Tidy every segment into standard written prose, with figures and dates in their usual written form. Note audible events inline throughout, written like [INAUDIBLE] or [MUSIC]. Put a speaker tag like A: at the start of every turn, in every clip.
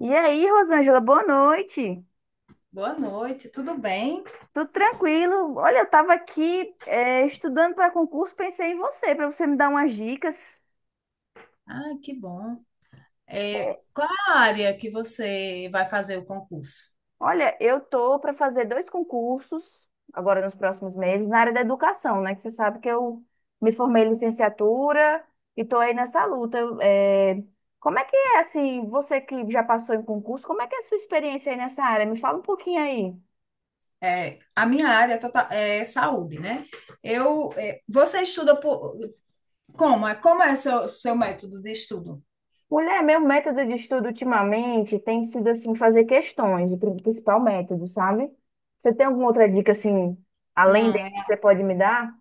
A: E aí, Rosângela, boa noite.
B: Boa noite, tudo bem?
A: Tudo tranquilo? Olha, eu estava aqui estudando para concurso, pensei em você, para você me dar umas dicas.
B: Ah, que bom. É, qual a área que você vai fazer o concurso?
A: Olha, eu tô para fazer dois concursos agora nos próximos meses na área da educação, né? Que você sabe que eu me formei em licenciatura e tô aí nessa luta. Como é que é assim? Você que já passou em concurso, como é que é a sua experiência aí nessa área? Me fala um pouquinho aí.
B: É, a minha área é saúde, né? Você estuda por, como? É, como é seu método de estudo?
A: Mulher, meu método de estudo ultimamente tem sido assim fazer questões, o principal método, sabe? Você tem alguma outra dica assim, além
B: Não,
A: desse que você pode me dar?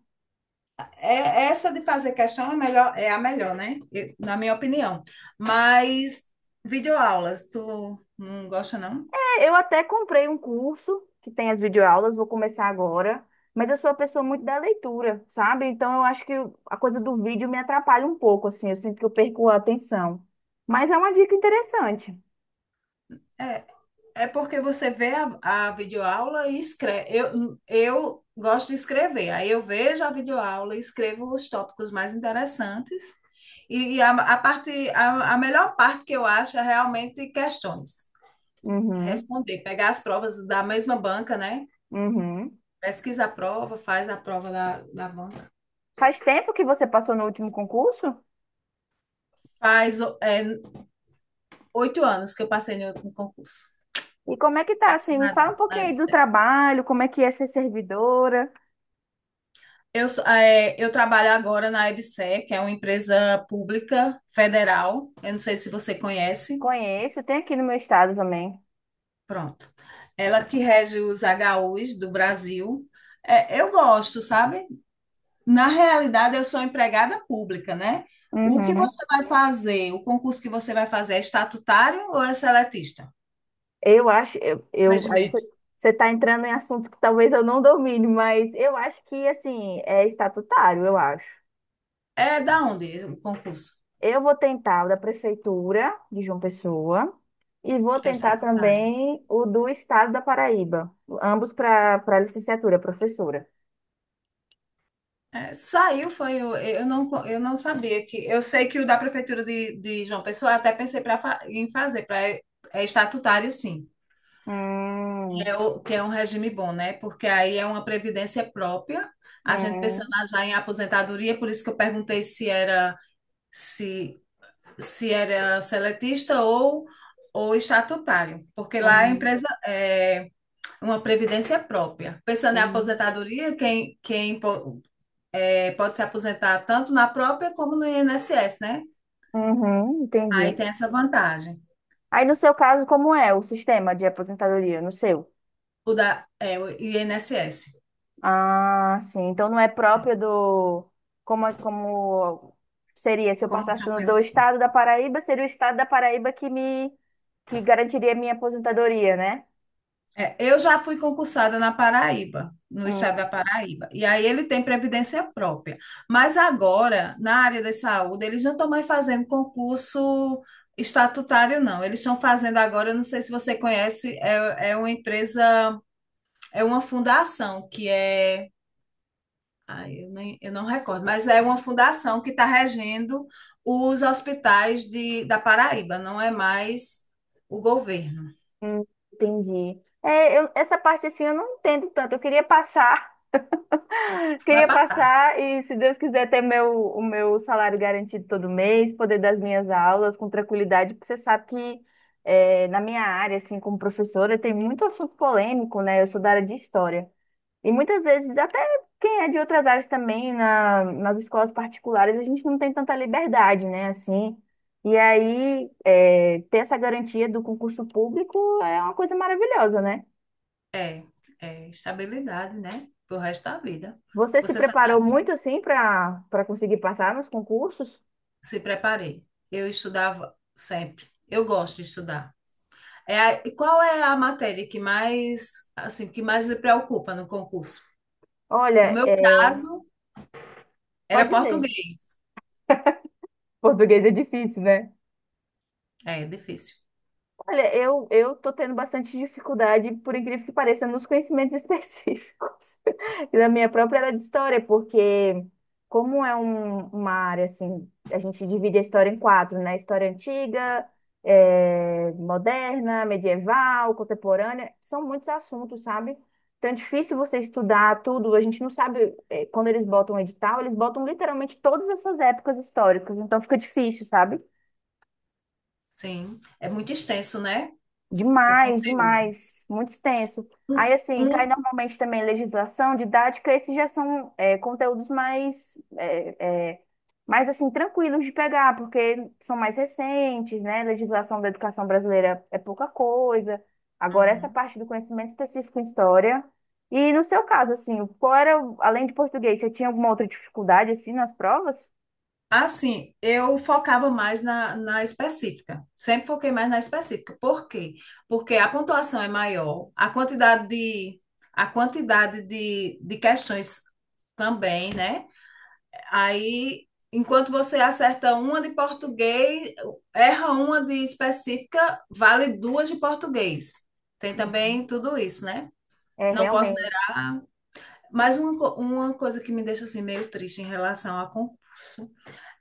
B: essa de fazer questão é melhor, é a melhor, né? Na minha opinião. Mas videoaulas, tu não gosta, não?
A: É, eu até comprei um curso que tem as videoaulas, vou começar agora, mas eu sou uma pessoa muito da leitura, sabe? Então eu acho que a coisa do vídeo me atrapalha um pouco, assim, eu sinto que eu perco a atenção. Mas é uma dica interessante.
B: É, É porque você vê a videoaula e escreve. Eu gosto de escrever, aí eu vejo a videoaula e escrevo os tópicos mais interessantes. E a parte, a melhor parte que eu acho é realmente questões.
A: Uhum,
B: Responder, pegar as provas da mesma banca, né?
A: uhum.
B: Pesquisa a prova, faz a prova da banca.
A: Faz tempo que você passou no último concurso?
B: Faz 8 anos que eu passei no concurso.
A: E como é que tá, assim?
B: Graças
A: Me
B: a
A: fala um
B: Deus, na
A: pouquinho aí do
B: EBC.
A: trabalho, como é que é ser servidora.
B: Eu trabalho agora na EBSERH, que é uma empresa pública federal. Eu não sei se você conhece.
A: Conheço, tem aqui no meu estado também.
B: Pronto. Ela que rege os HUs do Brasil. É, eu gosto, sabe? Na realidade, eu sou empregada pública, né? O que
A: Uhum.
B: você vai fazer, o concurso que você vai fazer é estatutário ou é seletista?
A: Eu acho, aí
B: Regimento.
A: você está entrando em assuntos que talvez eu não domine, mas eu acho que, assim, é estatutário, eu acho.
B: É da onde o concurso?
A: Eu vou tentar o da prefeitura de João Pessoa e vou
B: É
A: tentar
B: estatutário.
A: também o do estado da Paraíba, ambos para para licenciatura, professora.
B: É, saiu, foi. Eu não sabia que. Eu sei que o da Prefeitura de João Pessoa, eu até pensei em fazer. É estatutário, sim. Que
A: Hum,
B: é, o, que é um regime bom, né? Porque aí é uma previdência própria. A gente pensando
A: hum,
B: já em aposentadoria, por isso que eu perguntei se, se era seletista ou estatutário. Porque lá a
A: hum,
B: empresa é uma previdência própria. Pensando em
A: hum.
B: aposentadoria, quem pode se aposentar tanto na própria como no INSS, né?
A: Uhum, entendi.
B: Aí tem essa vantagem,
A: Aí no seu caso, como é o sistema de aposentadoria? No seu?
B: o INSS.
A: Ah, sim. Então não é próprio do. Como seria? Se eu
B: Como eu,
A: passasse
B: já
A: do
B: penso.
A: estado da Paraíba, seria o estado da Paraíba que me que garantiria a minha aposentadoria, né?
B: É, eu já fui concursada na Paraíba, no estado da
A: Hum,
B: Paraíba, e aí ele tem previdência própria. Mas agora, na área da saúde, eles não estão mais fazendo concurso estatutário, não. Eles estão fazendo agora, eu não sei se você conhece, é uma empresa, é uma fundação que é. Ai, eu não recordo, mas é uma fundação que está regendo os hospitais da Paraíba, não é mais o governo.
A: hum, entendi. Essa parte assim eu não entendo tanto. Eu queria passar.
B: Vai
A: Queria
B: passar.
A: passar e, se Deus quiser, ter meu, o meu salário garantido todo mês, poder dar as minhas aulas com tranquilidade, porque você sabe que na minha área, assim, como professora, tem muito assunto polêmico, né? Eu sou da área de história. E muitas vezes, até quem é de outras áreas também, nas escolas particulares, a gente não tem tanta liberdade, né? Assim. E aí, ter essa garantia do concurso público é uma coisa maravilhosa, né?
B: É, é estabilidade, né? Pro resto da vida.
A: Você se
B: Você só
A: preparou
B: sabe
A: muito, assim, para para conseguir passar nos concursos?
B: que se preparei. Eu estudava sempre. Eu gosto de estudar. E qual é a matéria que mais lhe preocupa no concurso? No
A: Olha,
B: meu
A: é,
B: caso, era
A: pode dizer.
B: português.
A: Português é difícil, né?
B: É, difícil.
A: Olha, eu tô tendo bastante dificuldade, por incrível que pareça, nos conhecimentos [LAUGHS] específicos. E da minha própria era de história, porque como é uma área assim, a gente divide a história em quatro, né? História antiga, moderna, medieval, contemporânea, são muitos assuntos, sabe? Então é difícil você estudar tudo, a gente não sabe, quando eles botam o edital, eles botam literalmente todas essas épocas históricas, então fica difícil, sabe?
B: Sim, é muito extenso, né? O
A: Demais,
B: conteúdo.
A: demais, muito extenso.
B: Um-
A: Aí, assim, cai
B: um-
A: normalmente também legislação, didática, esses já são conteúdos mais, mais, assim, tranquilos de pegar, porque são mais recentes, né? Legislação da educação brasileira é pouca coisa. Agora, essa
B: Uhum.
A: parte do conhecimento específico em história. E no seu caso, assim, qual era, além de português, você tinha alguma outra dificuldade, assim, nas provas?
B: Assim, eu focava mais na específica. Sempre foquei mais na específica. Por quê? Porque a pontuação é maior, a quantidade de questões também, né? Aí, enquanto você acerta uma de português, erra uma de específica, vale duas de português. Tem
A: Uhum.
B: também tudo isso, né?
A: É,
B: Não posso
A: realmente.
B: negar. Mas uma coisa que me deixa assim meio triste em relação à.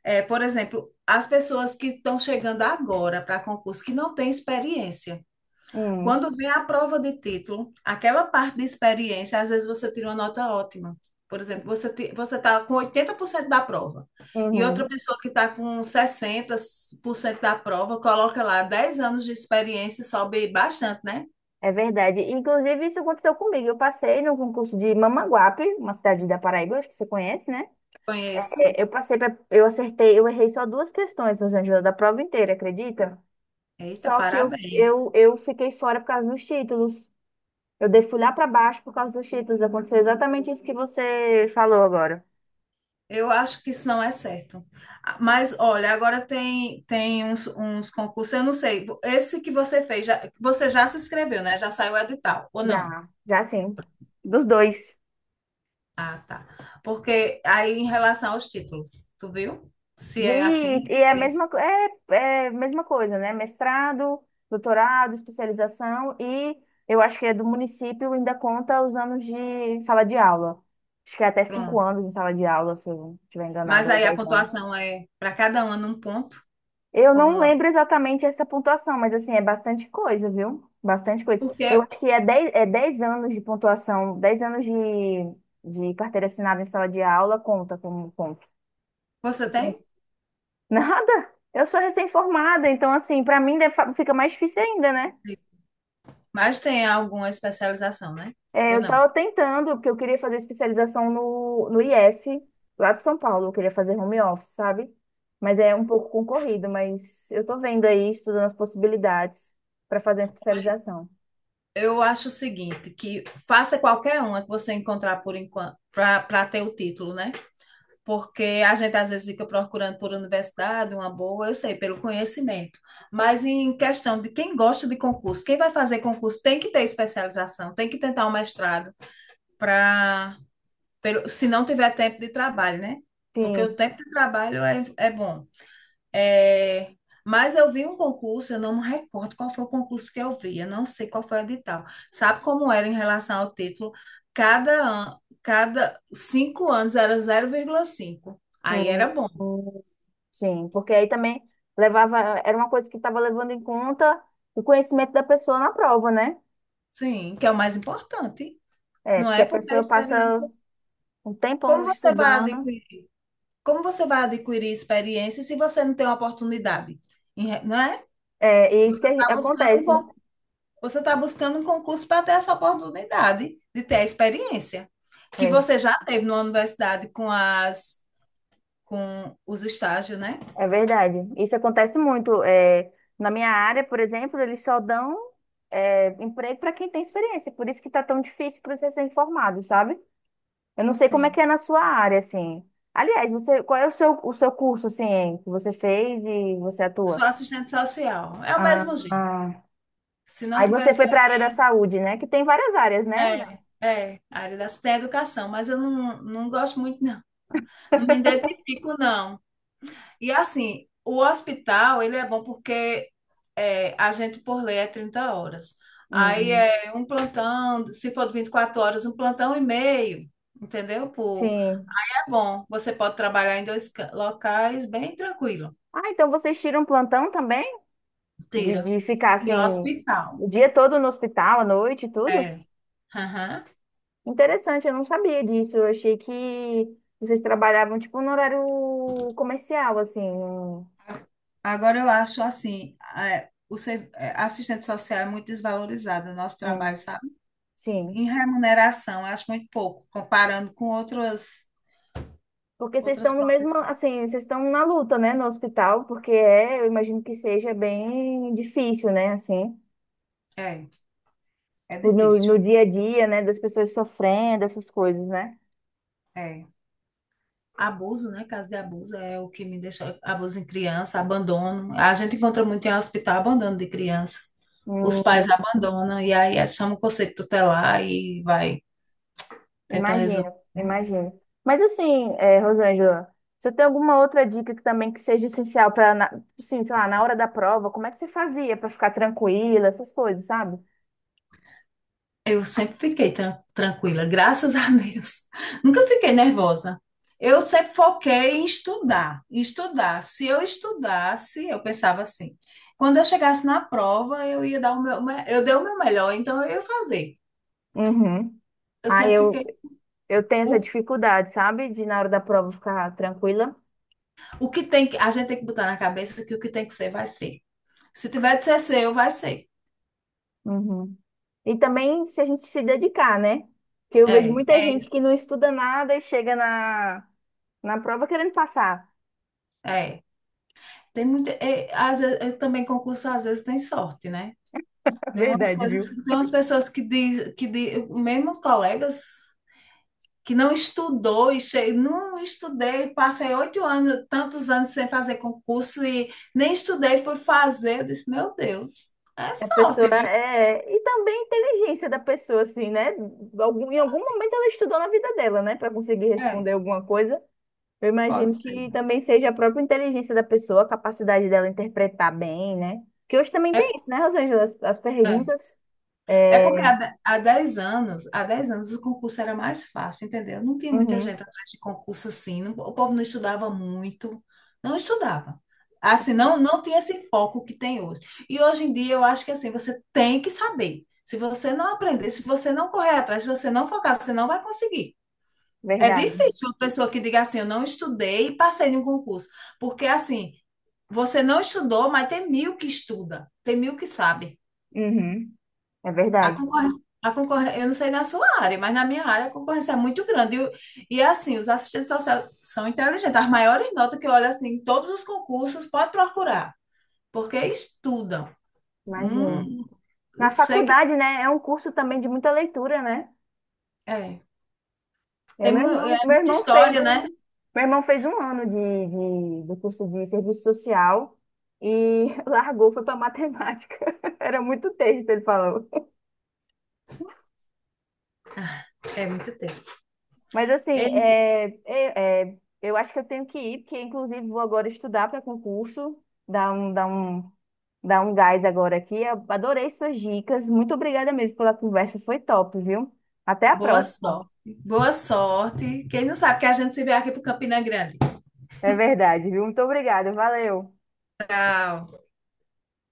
B: É, por exemplo, as pessoas que estão chegando agora para concurso que não têm experiência.
A: Hum,
B: Quando vem a prova de título, aquela parte de experiência, às vezes você tira uma nota ótima. Por exemplo, você está com 80% da prova e outra
A: uhum.
B: pessoa que está com 60% da prova coloca lá 10 anos de experiência e sobe bastante, né?
A: É verdade. Inclusive, isso aconteceu comigo. Eu passei no concurso de Mamanguape, uma cidade da Paraíba, acho que você conhece, né?
B: Conheço.
A: É, eu passei, eu acertei, eu errei só duas questões, Rosângela, da prova inteira, acredita?
B: Eita,
A: Só que eu,
B: parabéns.
A: eu, eu fiquei fora por causa dos títulos. Eu dei fui lá para baixo por causa dos títulos. Aconteceu exatamente isso que você falou agora.
B: Eu acho que isso não é certo. Ah, mas olha, agora tem uns concursos, eu não sei. Esse que você fez, você já se inscreveu, né? Já saiu o edital ou não?
A: Já, já sim. Dos dois.
B: Ah, tá. Porque aí em relação aos títulos, tu viu? Se
A: Vi,
B: é assim,
A: e é a
B: experiência.
A: mesma, é a mesma coisa, né? Mestrado, doutorado, especialização e eu acho que é do município ainda conta os anos de sala de aula. Acho que é até cinco
B: Pronto.
A: anos em sala de aula, se eu não estiver
B: Mas
A: enganado, ou
B: aí a
A: 10 anos.
B: pontuação é para cada ano um ponto,
A: Eu não
B: como
A: lembro exatamente essa pontuação, mas assim, é bastante coisa, viu? Bastante coisa. Eu
B: porque
A: acho que é 10 anos de pontuação, 10 anos de carteira assinada em sala de aula conta como ponto.
B: você tem,
A: Nada. Eu sou recém-formada, então, assim, para mim fica mais difícil ainda, né?
B: mas tem alguma especialização, né?
A: É,
B: Ou
A: eu
B: não?
A: tava tentando, porque eu queria fazer especialização no IF, lá de São Paulo. Eu queria fazer home office, sabe? Mas é um pouco concorrido, mas eu tô vendo aí, estudando as possibilidades para fazer uma especialização.
B: Eu acho o seguinte, que faça qualquer uma que você encontrar por enquanto, para ter o título, né? Porque a gente às vezes fica procurando por universidade, uma boa, eu sei, pelo conhecimento. Mas em questão de quem gosta de concurso, quem vai fazer concurso tem que ter especialização, tem que tentar um mestrado para, se não tiver tempo de trabalho, né? Porque o
A: Sim.
B: tempo de trabalho é bom. É, mas eu vi um concurso, eu não me recordo qual foi o concurso que eu vi, eu não sei qual foi o edital. Sabe como era em relação ao título? Cada 5 anos era 0,5. Aí era
A: Hum,
B: bom,
A: hum. Sim, porque aí também levava, era uma coisa que estava levando em conta o conhecimento da pessoa na prova, né?
B: sim, que é o mais importante,
A: É,
B: não
A: porque
B: é?
A: a
B: Porque a
A: pessoa passa
B: experiência.
A: um tempão
B: Como você vai
A: estudando.
B: adquirir, como você vai adquirir experiência se você não tem uma oportunidade? Não é?
A: É, e é isso
B: Você
A: que a
B: está buscando
A: acontece.
B: um Você está buscando um concurso para ter essa oportunidade de ter a experiência que
A: É,
B: você já teve na universidade com os estágios, né?
A: é verdade. Isso acontece muito. É, na minha área, por exemplo, eles só dão emprego para quem tem experiência. Por isso que está tão difícil para os recém-formados, sabe? Eu não sei como é que
B: Sim.
A: é na sua área, assim. Aliás, você, qual é o seu curso, assim, que você fez e você
B: Sou
A: atua?
B: assistente social. É o
A: Ah,
B: mesmo jeito.
A: ah.
B: Se não
A: Aí
B: tiver
A: você foi para a área
B: experiência.
A: da saúde, né? Que tem várias áreas, né?
B: É, a área da educação, mas eu não gosto muito, não. Não me identifico, não. E assim, o hospital, ele é bom porque a gente por lei é 30 horas. Aí
A: Hum,
B: é um plantão, se for de 24 horas, um plantão e meio, entendeu?
A: sim.
B: É bom, você pode trabalhar em dois locais bem tranquilo.
A: Ah, então vocês tiram plantão também?
B: Tira.
A: De ficar
B: E
A: assim
B: hospital.
A: o dia todo no hospital, à noite e tudo?
B: É. Aham.
A: Interessante, eu não sabia disso. Eu achei que vocês trabalhavam tipo no horário comercial, assim.
B: Agora eu acho assim, assistente social é muito desvalorizado no nosso trabalho,
A: Um-
B: sabe? Em
A: sim.
B: remuneração, eu acho muito pouco, comparando com outras,
A: Porque vocês
B: outras
A: estão no mesmo,
B: profissões.
A: assim, vocês estão na luta, né, no hospital, porque é, eu imagino que seja bem difícil, né, assim,
B: É, é difícil.
A: no dia a dia, né, das pessoas sofrendo, essas coisas, né?
B: É. Abuso, né? Caso de abuso é o que me deixa. Abuso em criança, abandono. A gente encontra muito em hospital abandono de criança. Os pais abandonam e aí chamam o conselho tutelar e vai tentar resolver.
A: Imagino, imagino. Mas assim, é, Rosângela, você tem alguma outra dica que também que seja essencial para, sim, sei lá, na hora da prova, como é que você fazia para ficar tranquila, essas coisas, sabe?
B: Eu sempre fiquei tranquila, graças a Deus. [LAUGHS] Nunca fiquei nervosa. Eu sempre foquei em estudar, em estudar. Se eu estudasse, eu pensava assim. Quando eu chegasse na prova, eu ia dar o meu, eu dei o meu melhor, então eu ia fazer.
A: Uhum.
B: Eu
A: Ah,
B: sempre fiquei.
A: eu tenho essa
B: O
A: dificuldade, sabe? De na hora da prova ficar tranquila.
B: O que tem que, a gente tem que botar na cabeça que o que tem que ser, vai ser. Se tiver de ser seu, vai ser.
A: Uhum. E também se a gente se dedicar, né? Porque eu vejo
B: É,
A: muita
B: é
A: gente
B: isso.
A: que não estuda nada e chega na prova querendo passar. [LAUGHS]
B: É. Tem muita, às vezes, eu também concurso, às vezes tem sorte, né?
A: É
B: Tem umas
A: verdade,
B: coisas,
A: viu?
B: tem umas pessoas que diz, mesmo colegas que não estudou e não estudei, passei 8 anos, tantos anos sem fazer concurso e nem estudei, fui fazer. Eu disse, meu Deus, é
A: A pessoa
B: sorte, viu?
A: é. E também a inteligência da pessoa, assim, né? Em algum momento ela estudou na vida dela, né? Para conseguir
B: É,
A: responder alguma coisa. Eu
B: pode
A: imagino que
B: ser.
A: também seja a própria inteligência da pessoa, a capacidade dela interpretar bem, né? Que hoje também
B: É,
A: tem isso, né, Rosângela? As
B: é.
A: perguntas.
B: É porque há,
A: É...
B: de- há 10 anos, há 10 anos o concurso era mais fácil, entendeu? Não tinha muita
A: Uhum,
B: gente atrás de concurso assim, o povo não estudava muito, não estudava. Assim, não tinha esse foco que tem hoje. E hoje em dia eu acho que assim, você tem que saber. Se você não aprender, se você não correr atrás, se você não focar, você não vai conseguir. É
A: verdade.
B: difícil uma pessoa que diga assim, eu não estudei e passei em um concurso. Porque assim, você não estudou, mas tem mil que estuda, tem mil que sabe.
A: Uhum, é
B: A
A: verdade.
B: concorrência, a concorrência, eu não sei na sua área, mas na minha área a concorrência é muito grande. E assim, os assistentes sociais são inteligentes. As maiores notas que eu olho assim, em todos os concursos, pode procurar, porque estudam.
A: Imagino.
B: Hum,
A: Na
B: eu sei que
A: faculdade, né? É um curso também de muita leitura, né?
B: é.
A: É,
B: Tem
A: meu
B: muita
A: irmão fez,
B: história, né?
A: meu irmão fez um ano de, do curso de serviço social e [LAUGHS] largou, foi para matemática. [LAUGHS] Era muito texto, ele falou.
B: É muito tempo.
A: Mas
B: É,
A: assim, eu acho que eu tenho que ir, porque inclusive vou agora estudar para concurso, dar um, dar um gás agora aqui. Eu adorei suas dicas. Muito obrigada mesmo pela conversa, foi top, viu? Até a
B: boa
A: próxima.
B: sorte. Boa sorte. Quem não sabe que a gente se vê aqui para Campina Grande.
A: É verdade, viu? Muito obrigada, valeu.
B: Tchau.